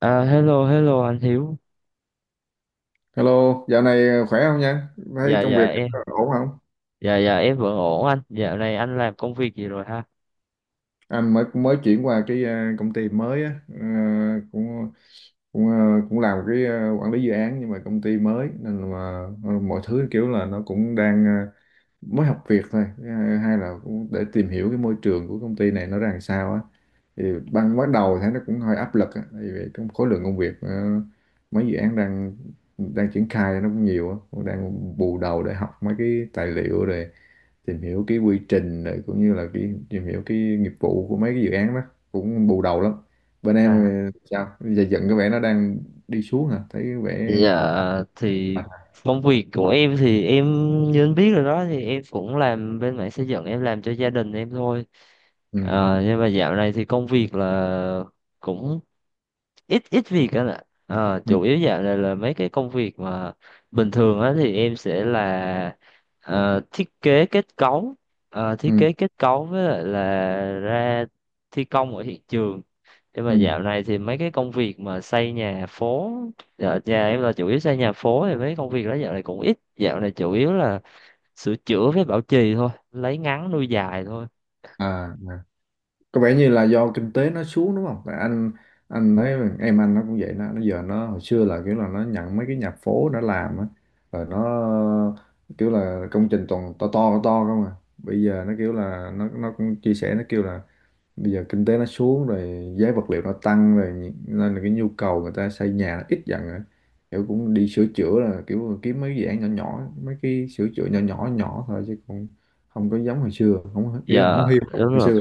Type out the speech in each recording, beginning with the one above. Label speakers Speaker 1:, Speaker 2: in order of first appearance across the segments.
Speaker 1: Hello, hello anh Hiếu.
Speaker 2: Hello, dạo này khỏe không nha? Thấy
Speaker 1: Dạ,
Speaker 2: công việc
Speaker 1: dạ em.
Speaker 2: ổn không?
Speaker 1: Dạ, dạ em vẫn ổn anh. Dạo này anh làm công việc gì rồi ha?
Speaker 2: Anh mới mới chuyển qua cái công ty mới á, cũng cũng à, cũng làm cái quản lý dự án, nhưng mà công ty mới nên là mọi thứ kiểu là nó cũng đang mới học việc thôi, À, hay là cũng để tìm hiểu cái môi trường của công ty này nó ra làm sao á. Thì ban bắt đầu thấy nó cũng hơi áp lực á, tại vì trong khối lượng công việc mấy dự án đang đang triển khai nó cũng nhiều á, cũng đang bù đầu để học mấy cái tài liệu rồi tìm hiểu cái quy trình rồi cũng như là cái tìm hiểu cái nghiệp vụ của mấy cái dự án đó, cũng bù đầu lắm bên em.
Speaker 1: À,
Speaker 2: Sao giờ dần cái vẻ nó đang đi xuống hả, thấy cái vẻ
Speaker 1: dạ, thì
Speaker 2: À,
Speaker 1: công việc của em thì em như anh biết rồi đó, thì em cũng làm bên mảng xây dựng, em làm cho gia đình em thôi.
Speaker 2: ừ,
Speaker 1: Ờ, nhưng mà dạo này thì công việc là cũng ít ít việc đó. Là
Speaker 2: ừ,
Speaker 1: Chủ yếu dạo này là mấy cái công việc mà bình thường á, thì em sẽ là thiết kế kết cấu. Ờ, thiết
Speaker 2: ừ,
Speaker 1: kế kết cấu với lại là ra thi công ở hiện trường. Nhưng mà
Speaker 2: ừ.
Speaker 1: dạo này thì mấy cái công việc mà xây nhà phố, dạ, nhà em là chủ yếu xây nhà phố, thì mấy công việc đó dạo này cũng ít. Dạo này chủ yếu là sửa chữa với bảo trì thôi, lấy ngắn nuôi dài thôi.
Speaker 2: À, à. Có vẻ như là do kinh tế nó xuống đúng không? Tại anh thấy em anh nó cũng vậy, nó giờ nó hồi xưa là kiểu là nó nhận mấy cái nhà phố nó làm á, rồi nó kiểu là công trình toàn to không à, bây giờ nó kiểu là nó cũng chia sẻ, nó kêu là bây giờ kinh tế nó xuống rồi, giá vật liệu nó tăng rồi, nên là cái nhu cầu người ta xây nhà nó ít dần rồi, kiểu cũng đi sửa chữa, là kiểu kiếm mấy dự án nhỏ nhỏ, mấy cái sửa chữa nhỏ nhỏ nhỏ thôi, chứ cũng không có giống hồi xưa, không kiểu
Speaker 1: Dạ
Speaker 2: không hiu
Speaker 1: đúng
Speaker 2: hồi
Speaker 1: rồi.
Speaker 2: xưa.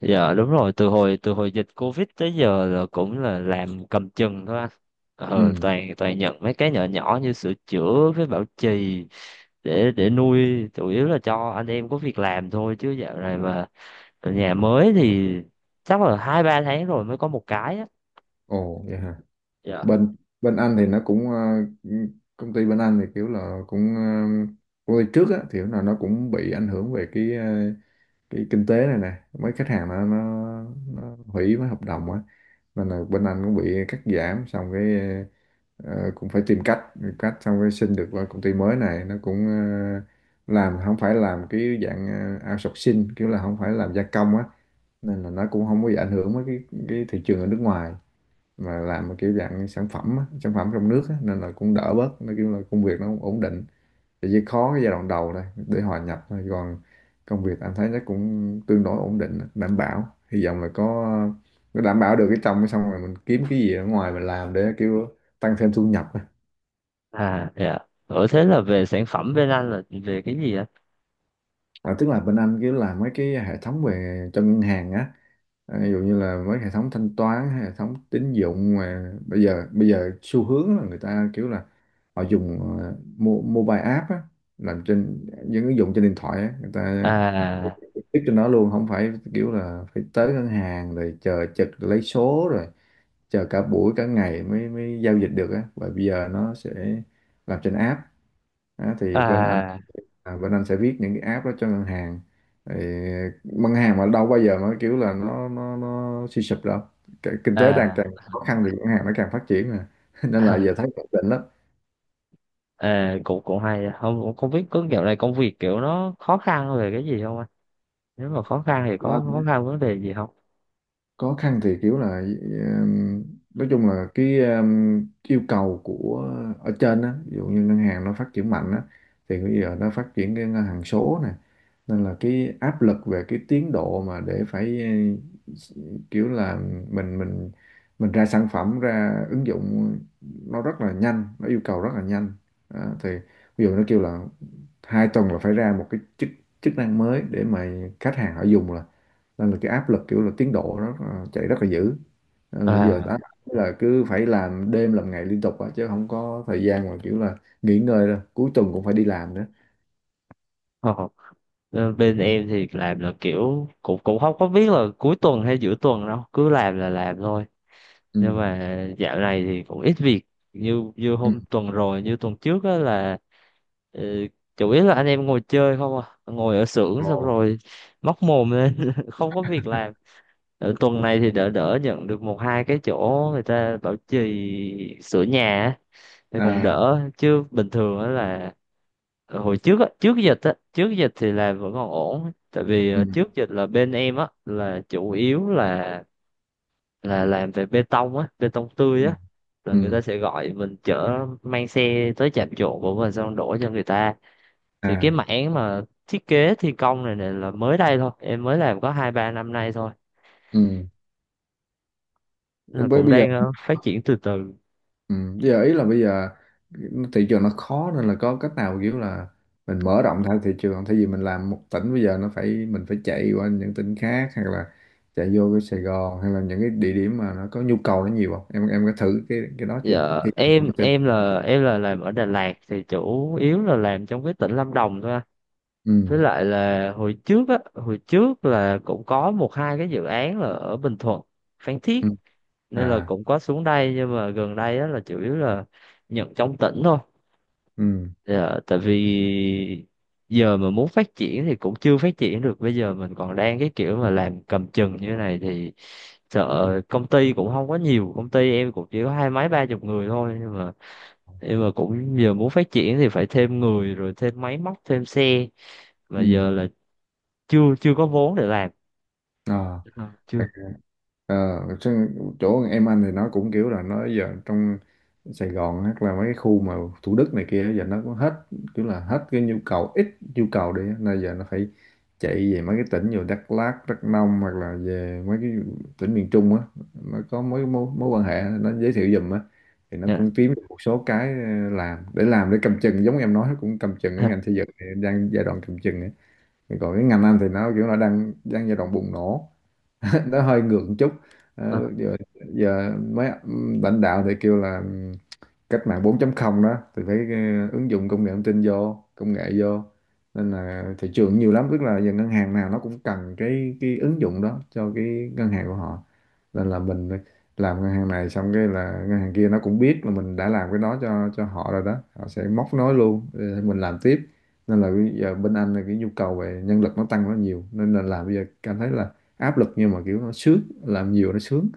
Speaker 1: Dạ đúng rồi, từ hồi dịch Covid tới giờ là cũng là làm cầm chừng thôi anh. Ờ,
Speaker 2: Ừ.
Speaker 1: toàn toàn nhận mấy cái nhỏ nhỏ như sửa chữa với bảo trì để nuôi, chủ yếu là cho anh em có việc làm thôi, chứ dạo này mà nhà mới thì chắc là hai ba tháng rồi mới có một cái á.
Speaker 2: Ồ vậy hả.
Speaker 1: Dạ.
Speaker 2: Bên bên anh thì nó cũng công ty bên anh thì kiểu là cũng công ty trước á thì là nó cũng bị ảnh hưởng về cái cái kinh tế này nè, mấy khách hàng nó hủy mấy hợp đồng á, nên là bên anh cũng bị cắt giảm, xong cái ờ, cũng phải tìm cách cách xong cái xin được qua công ty mới, này nó cũng làm không phải làm cái dạng outsourcing, kiểu là không phải làm gia công á, nên là nó cũng không có bị ảnh hưởng với cái thị trường ở nước ngoài, mà làm một kiểu dạng sản phẩm á, sản phẩm trong nước á, nên là cũng đỡ bớt, nó kiểu là công việc nó cũng ổn định, thì chỉ khó cái giai đoạn đầu thôi để hòa nhập thôi, còn công việc anh thấy nó cũng tương đối ổn định, đảm bảo, hy vọng là có đảm bảo được cái trong cái xong rồi mình kiếm cái gì ở ngoài mình làm để kiểu tăng thêm thu nhập á.
Speaker 1: À dạ. Ở thế là về sản phẩm bên anh là về cái gì ạ?
Speaker 2: Tức là bên anh kiểu làm mấy cái hệ thống về cho ngân hàng á, à, ví dụ như là mấy hệ thống thanh toán, hệ thống tín dụng, mà bây giờ xu hướng là người ta kiểu là họ dùng mobile app á, làm trên những ứng dụng trên điện thoại á, người ta
Speaker 1: À.
Speaker 2: biết trên đó luôn, không phải kiểu là phải tới ngân hàng rồi chờ trực lấy số rồi chờ cả buổi cả ngày mới mới giao dịch được á, và bây giờ nó sẽ làm trên app á, thì bên anh,
Speaker 1: à
Speaker 2: bên anh sẽ viết những cái app đó cho ngân hàng. Thì ngân hàng mà đâu bao giờ mà kiểu là nó suy sụp đâu. Cái kinh tế đang
Speaker 1: à
Speaker 2: càng khó khăn thì ngân hàng nó càng phát triển mà. Nên là
Speaker 1: à,
Speaker 2: giờ thấy ổn định
Speaker 1: à, cũng cũng hay. Không cũng không biết có dạo này công việc kiểu nó khó khăn về cái gì không anh? Nếu mà khó khăn thì có khó
Speaker 2: lắm.
Speaker 1: khăn vấn đề gì không?
Speaker 2: Khó khăn thì kiểu là nói chung là cái yêu cầu của ở trên á, ví dụ như ngân hàng nó phát triển mạnh á, thì bây giờ nó phát triển cái ngân hàng số nè, nên là cái áp lực về cái tiến độ mà để phải, ừ, kiểu là mình mình mình ra sản phẩm, ra ứng dụng nó rất là nhanh, nó yêu cầu rất là nhanh. Thì ví dụ nó kêu là hai tuần là phải ra một cái chức chức năng mới để mà khách hàng họ dùng, nên là cái áp lực kiểu là tiến độ nó chạy rất là dữ. Ờ, bây giờ
Speaker 1: À.
Speaker 2: áp lực là cứ phải làm đêm làm ngày liên tục á, chứ không có thời gian mà kiểu là nghỉ ngơi đâu, cuối tuần cũng phải đi làm nữa.
Speaker 1: Ờ, ờ, bên em thì làm là kiểu cũng cũng không có biết là cuối tuần hay giữa tuần đâu, cứ làm là làm thôi.
Speaker 2: Ừ.
Speaker 1: Nhưng mà dạo này thì cũng ít việc. Như như
Speaker 2: Ừ.
Speaker 1: hôm tuần rồi, như tuần trước á là ờ, chủ yếu là anh em ngồi chơi không à, ngồi ở xưởng xong
Speaker 2: Ồ.
Speaker 1: rồi móc mồm lên không có việc làm. Ở tuần này thì đỡ, đỡ nhận được một hai cái chỗ người ta bảo trì sửa nhà á, thế còn
Speaker 2: À.
Speaker 1: đỡ. Chứ bình thường á là hồi trước á, trước dịch á, trước dịch thì là vẫn còn ổn. Tại vì
Speaker 2: Ừ.
Speaker 1: trước dịch là bên em á là chủ yếu là làm về bê tông á, bê tông tươi
Speaker 2: Ừ.
Speaker 1: á, là người
Speaker 2: Ừ.
Speaker 1: ta sẽ gọi mình chở mang xe tới trạm trộn của mình xong đổ cho người ta. Thì cái
Speaker 2: À.
Speaker 1: mảng mà thiết kế thi công này, này là mới đây thôi, em mới làm có hai ba năm nay thôi.
Speaker 2: Ừ.
Speaker 1: Nên là
Speaker 2: bây
Speaker 1: cũng
Speaker 2: bây giờ
Speaker 1: đang phát triển từ từ.
Speaker 2: ừ, giờ ý là bây giờ thị trường nó khó, nên là có cách nào kiểu là mình mở rộng theo thị trường không? Thay vì mình làm một tỉnh, bây giờ nó phải mình phải chạy qua những tỉnh khác, hoặc là chạy vô cái Sài Gòn, hay là những cái địa điểm mà nó có nhu cầu nó nhiều không, em có thử cái đó chưa.
Speaker 1: Dạ,
Speaker 2: Hy vọng
Speaker 1: em
Speaker 2: em tin.
Speaker 1: em là em là làm ở Đà Lạt, thì chủ yếu là làm trong cái tỉnh Lâm Đồng thôi anh.
Speaker 2: Ừ.
Speaker 1: Với lại là hồi trước á, hồi trước là cũng có một hai cái dự án là ở Bình Thuận, Phan
Speaker 2: Ừ.
Speaker 1: Thiết, nên là
Speaker 2: À.
Speaker 1: cũng có xuống đây. Nhưng mà gần đây á là chủ yếu là nhận trong tỉnh thôi.
Speaker 2: Ừ.
Speaker 1: Dạ, tại vì giờ mà muốn phát triển thì cũng chưa phát triển được. Bây giờ mình còn đang cái kiểu mà làm cầm chừng như thế này thì sợ. Công ty cũng không có nhiều, công ty em cũng chỉ có hai mấy ba chục người thôi. Nhưng mà cũng giờ muốn phát triển thì phải thêm người rồi thêm máy móc thêm xe, mà
Speaker 2: Ừ.
Speaker 1: giờ là chưa chưa có vốn để làm.
Speaker 2: À.
Speaker 1: Ờ, chưa.
Speaker 2: Ờ, chứ chỗ em anh thì nó cũng kiểu là nó giờ trong Sài Gòn hoặc là mấy cái khu mà Thủ Đức này kia giờ nó cũng hết, kiểu là hết cái nhu cầu, ít nhu cầu đi á, nên giờ nó phải chạy về mấy cái tỉnh như Đắk Lắk, Đắk Nông, hoặc là về mấy cái tỉnh miền Trung á, nó có mối mối, mối quan hệ nó giới thiệu giùm á, thì nó
Speaker 1: Dạ.
Speaker 2: cũng kiếm được một số cái làm để cầm chừng, giống em nói cũng cầm chừng, cái ngành xây dựng thì đang giai đoạn cầm chừng ấy. Còn cái ngành anh thì nó kiểu là đang đang giai đoạn bùng nổ. Nó hơi ngược một chút.
Speaker 1: Ờ,
Speaker 2: Ờ, giờ, giờ mấy lãnh đạo thì kêu là cách mạng 4 không đó, thì phải ứng dụng công nghệ thông tin vô, công nghệ vô, nên là thị trường nhiều lắm, tức là giờ ngân hàng nào nó cũng cần cái ứng dụng đó cho cái ngân hàng của họ, nên là mình làm ngân hàng này xong cái là ngân hàng kia nó cũng biết là mình đã làm cái đó cho họ rồi đó, họ sẽ móc nối luôn để mình làm tiếp, nên là bây giờ bên anh là cái nhu cầu về nhân lực nó tăng rất nhiều, nên là làm bây giờ cảm thấy là áp lực, nhưng mà kiểu nó sướng, làm nhiều nó sướng.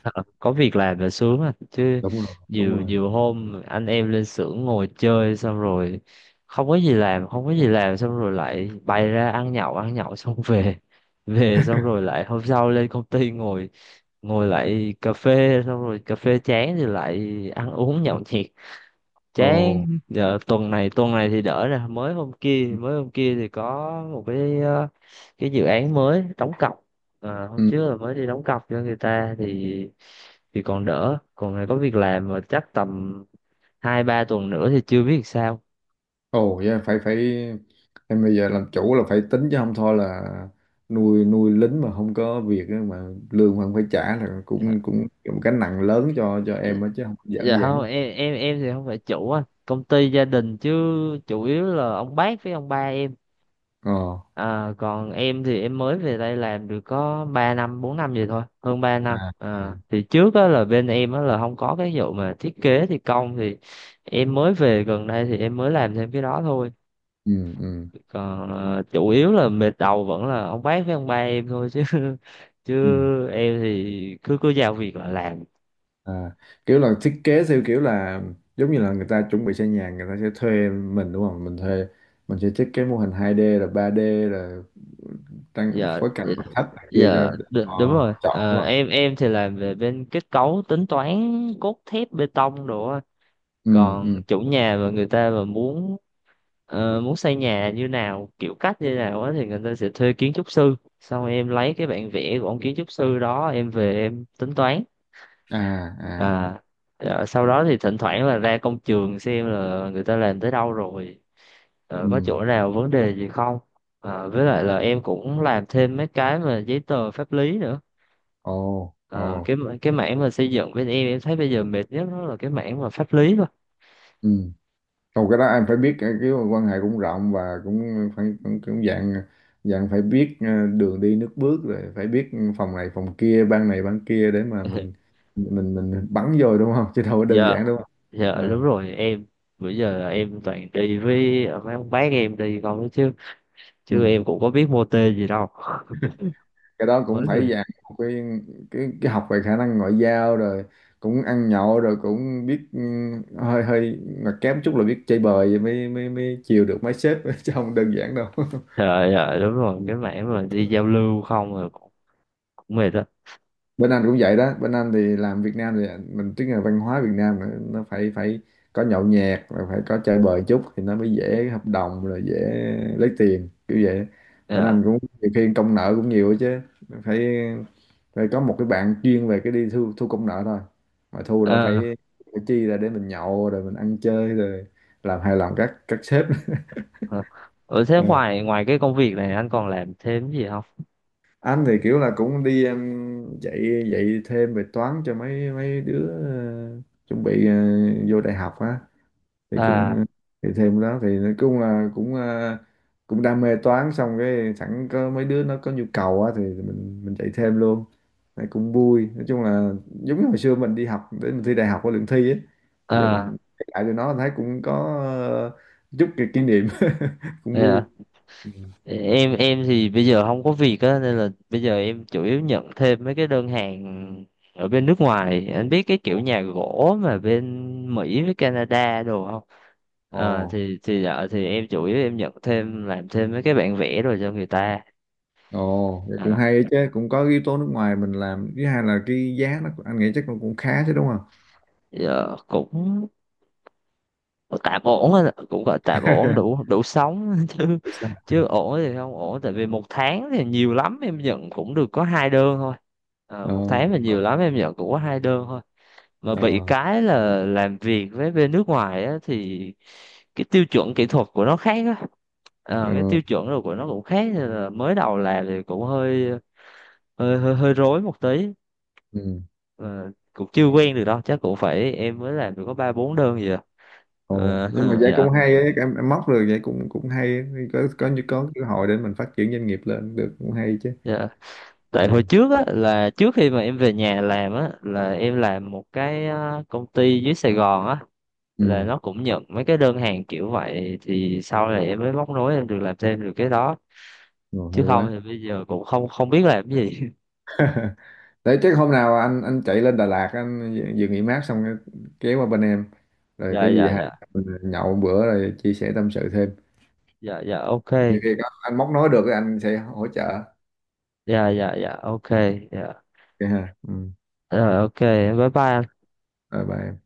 Speaker 1: ờ, ờ, có việc làm là sướng à chứ.
Speaker 2: đúng rồi đúng
Speaker 1: Nhiều
Speaker 2: rồi
Speaker 1: nhiều hôm anh em lên xưởng ngồi chơi xong rồi không có gì làm, không có gì làm xong rồi lại bay ra ăn nhậu, ăn nhậu xong về. Về xong rồi lại hôm sau lên công ty ngồi, ngồi lại cà phê, xong rồi cà phê chán thì lại ăn uống nhậu nhẹt
Speaker 2: Ồ.
Speaker 1: chán. Giờ tuần này, tuần này thì đỡ nè. Mới hôm kia,
Speaker 2: Ừ.
Speaker 1: mới hôm kia thì có một cái cái dự án mới đóng cọc. À, hôm
Speaker 2: Ừ.
Speaker 1: trước là mới đi đóng cọc cho người ta, thì còn đỡ, còn này có việc làm. Mà chắc tầm hai ba tuần nữa thì chưa biết sao.
Speaker 2: Ồ yeah, phải phải em bây giờ làm chủ là phải tính, chứ không thôi là nuôi nuôi lính mà không có việc á, mà lương mà không phải trả là
Speaker 1: Dạ,
Speaker 2: cũng cũng một cái nặng lớn cho
Speaker 1: dạ.
Speaker 2: em á, chứ không đơn giản
Speaker 1: Dạ
Speaker 2: giản
Speaker 1: không,
Speaker 2: đâu.
Speaker 1: em thì không phải chủ á, công ty gia đình chứ. Chủ yếu là ông bác với ông ba em.
Speaker 2: Ờ.
Speaker 1: Ờ, còn em thì em mới về đây làm được có 3 năm 4 năm gì thôi, hơn 3 năm.
Speaker 2: À.
Speaker 1: Ờ,
Speaker 2: À.
Speaker 1: thì trước á, là bên em á, là không có cái vụ mà thiết kế thi công thì em mới về gần đây thì em mới làm thêm cái đó thôi.
Speaker 2: Ừ.
Speaker 1: Còn chủ yếu là mệt đầu vẫn là ông bác với ông ba em thôi chứ chứ
Speaker 2: Ừ.
Speaker 1: em thì cứ cứ giao việc là làm.
Speaker 2: À, kiểu là thiết kế theo kiểu là giống như là người ta chuẩn bị xây nhà, người ta sẽ thuê mình đúng không? Mình thuê mình sẽ thiết kế mô hình 2D là 3D là tăng
Speaker 1: Giờ
Speaker 2: phối cảnh nội thất này kia cho
Speaker 1: giờ
Speaker 2: họ,
Speaker 1: đ- Đúng rồi.
Speaker 2: họ chọn đúng
Speaker 1: Ờ,
Speaker 2: không?
Speaker 1: em thì làm về bên kết cấu, tính toán cốt thép bê tông đồ á.
Speaker 2: Ừ.
Speaker 1: Còn
Speaker 2: ừ.
Speaker 1: chủ nhà mà người ta mà muốn muốn xây nhà như nào, kiểu cách như nào á, thì người ta sẽ thuê kiến trúc sư, xong em lấy cái bản vẽ của ông kiến trúc sư đó em về em tính toán.
Speaker 2: À à.
Speaker 1: À. Ờ, sau đó thì thỉnh thoảng là ra công trường xem là người ta làm tới đâu rồi, có
Speaker 2: Ừ.
Speaker 1: chỗ nào vấn đề gì không. Ờ, với lại là em cũng làm thêm mấy cái mà giấy tờ pháp lý nữa.
Speaker 2: Ồ ồ.
Speaker 1: Ờ, cái mảng mà xây dựng bên em thấy bây giờ mệt nhất đó là cái mảng mà pháp lý thôi.
Speaker 2: Ừ. Không cái đó em phải biết cái quan hệ cũng rộng, và cũng phải cũng, cũng dạng dạng phải biết đường đi nước bước, rồi phải biết phòng này phòng kia, ban này ban kia, để mà mình mình bắn vô đúng không, chứ đâu có đơn
Speaker 1: Giờ.
Speaker 2: giản đúng không.
Speaker 1: Dạ đúng
Speaker 2: Ờ,
Speaker 1: rồi em. Bữa giờ là em toàn đi với mấy ông bác em đi con ấy chứ, chứ
Speaker 2: ừ,
Speaker 1: em cũng có biết mô tê gì đâu.
Speaker 2: cái đó
Speaker 1: Mới
Speaker 2: cũng
Speaker 1: rồi.
Speaker 2: phải dạng một cái học về khả năng ngoại giao, rồi cũng ăn nhậu rồi cũng biết, ừ, hơi hơi mà kém chút là biết chơi bời vậy mới mới mới chiều được mấy sếp chứ không đơn giản đâu.
Speaker 1: Dạ, dạ đúng rồi,
Speaker 2: Ừ.
Speaker 1: cái mảng mà đi giao lưu không rồi cũng, cũng mệt đó.
Speaker 2: Bên Anh cũng vậy đó, bên Anh thì làm Việt Nam thì mình tức là văn hóa Việt Nam nó phải phải có nhậu nhẹt rồi phải có chơi bời chút thì nó mới dễ hợp đồng rồi dễ lấy tiền kiểu vậy. Bên Anh
Speaker 1: Dạ.
Speaker 2: cũng nhiều khi công nợ cũng nhiều ấy chứ, phải phải có một cái bạn chuyên về cái đi thu thu công nợ thôi, mà thu đã
Speaker 1: Ờ,
Speaker 2: phải chi ra để mình nhậu rồi mình ăn chơi rồi làm hài lòng các sếp.
Speaker 1: ờ. Ở thế ngoài ngoài cái công việc này anh còn làm thêm gì không?
Speaker 2: Anh thì kiểu là cũng đi em, dạy dạy thêm về toán cho mấy mấy đứa chuẩn bị vô đại học á, thì cũng
Speaker 1: À.
Speaker 2: thì thêm đó, thì nói chung là cũng cũng đam mê toán, xong cái sẵn có mấy đứa nó có nhu cầu á thì mình dạy thêm luôn, này cũng vui. Nói chung là giống như hồi xưa mình đi học để mình thi đại học có lượng thi ấy, bây giờ
Speaker 1: À
Speaker 2: mình kể lại cho nó thấy cũng có ờ, chút cái kỷ niệm, cũng vui.
Speaker 1: dạ, em thì bây giờ không có việc á, nên là bây giờ em chủ yếu nhận thêm mấy cái đơn hàng ở bên nước ngoài. Anh biết cái kiểu nhà gỗ mà bên Mỹ với Canada đồ không?
Speaker 2: Ồ.
Speaker 1: À, thì dạ, thì em chủ yếu em nhận thêm làm thêm mấy cái bản vẽ rồi cho người ta.
Speaker 2: Ồ, vậy cũng hay
Speaker 1: À,
Speaker 2: đấy chứ, cũng có yếu tố nước ngoài mình làm, thứ hai là cái giá nó anh nghĩ chắc nó cũng khá chứ đúng không?
Speaker 1: giờ cũng tạm ổn á, cũng gọi tạm ổn, đủ đủ sống chứ.
Speaker 2: Không sao.
Speaker 1: Chứ ổn thì không ổn, tại vì một tháng thì nhiều lắm em nhận cũng được có hai đơn thôi. À,
Speaker 2: Ờ.
Speaker 1: một tháng mà
Speaker 2: ờ,
Speaker 1: nhiều lắm em nhận cũng có hai đơn thôi. Mà
Speaker 2: ờ,
Speaker 1: bị cái là làm việc với bên nước ngoài á thì cái tiêu chuẩn kỹ thuật của nó khác á. Ờ, cái
Speaker 2: ừ,
Speaker 1: tiêu chuẩn rồi của nó cũng khác, nên là mới đầu làm thì cũng hơi rối một tí.
Speaker 2: ừ.
Speaker 1: Ờ, cũng chưa quen được đâu, chắc cũng phải, em mới làm được có ba bốn đơn gì à.
Speaker 2: Ồ,
Speaker 1: Ờ,
Speaker 2: nhưng mà vậy
Speaker 1: dạ,
Speaker 2: cũng hay ấy, em móc được vậy cũng cũng hay, ấy. Có như có cơ hội để mình phát triển doanh nghiệp lên được cũng hay chứ.
Speaker 1: dạ, tại hồi
Speaker 2: Ừ,
Speaker 1: trước á là trước khi mà em về nhà làm á là em làm một cái công ty dưới Sài Gòn á, là
Speaker 2: ừ,
Speaker 1: nó cũng nhận mấy cái đơn hàng kiểu vậy, thì sau này em mới móc nối em được làm thêm được cái đó.
Speaker 2: rồi,
Speaker 1: Chứ
Speaker 2: hay
Speaker 1: không
Speaker 2: quá.
Speaker 1: thì bây giờ cũng không không biết làm cái gì.
Speaker 2: Đấy chắc hôm nào anh chạy lên Đà Lạt, anh vừa nghỉ mát xong cái- kéo qua bên em, rồi
Speaker 1: Dạ,
Speaker 2: có gì
Speaker 1: dạ
Speaker 2: hai
Speaker 1: dạ
Speaker 2: mình nhậu một bữa rồi chia sẻ tâm sự thêm.
Speaker 1: dạ dạ, ok.
Speaker 2: Nhiều khi có anh móc nói được anh sẽ hỗ trợ.
Speaker 1: Dạ dạ dạ, ok. Dạ.
Speaker 2: Vậy hả? Ừ.
Speaker 1: Rồi, ok. Bye bye.
Speaker 2: Rồi bye.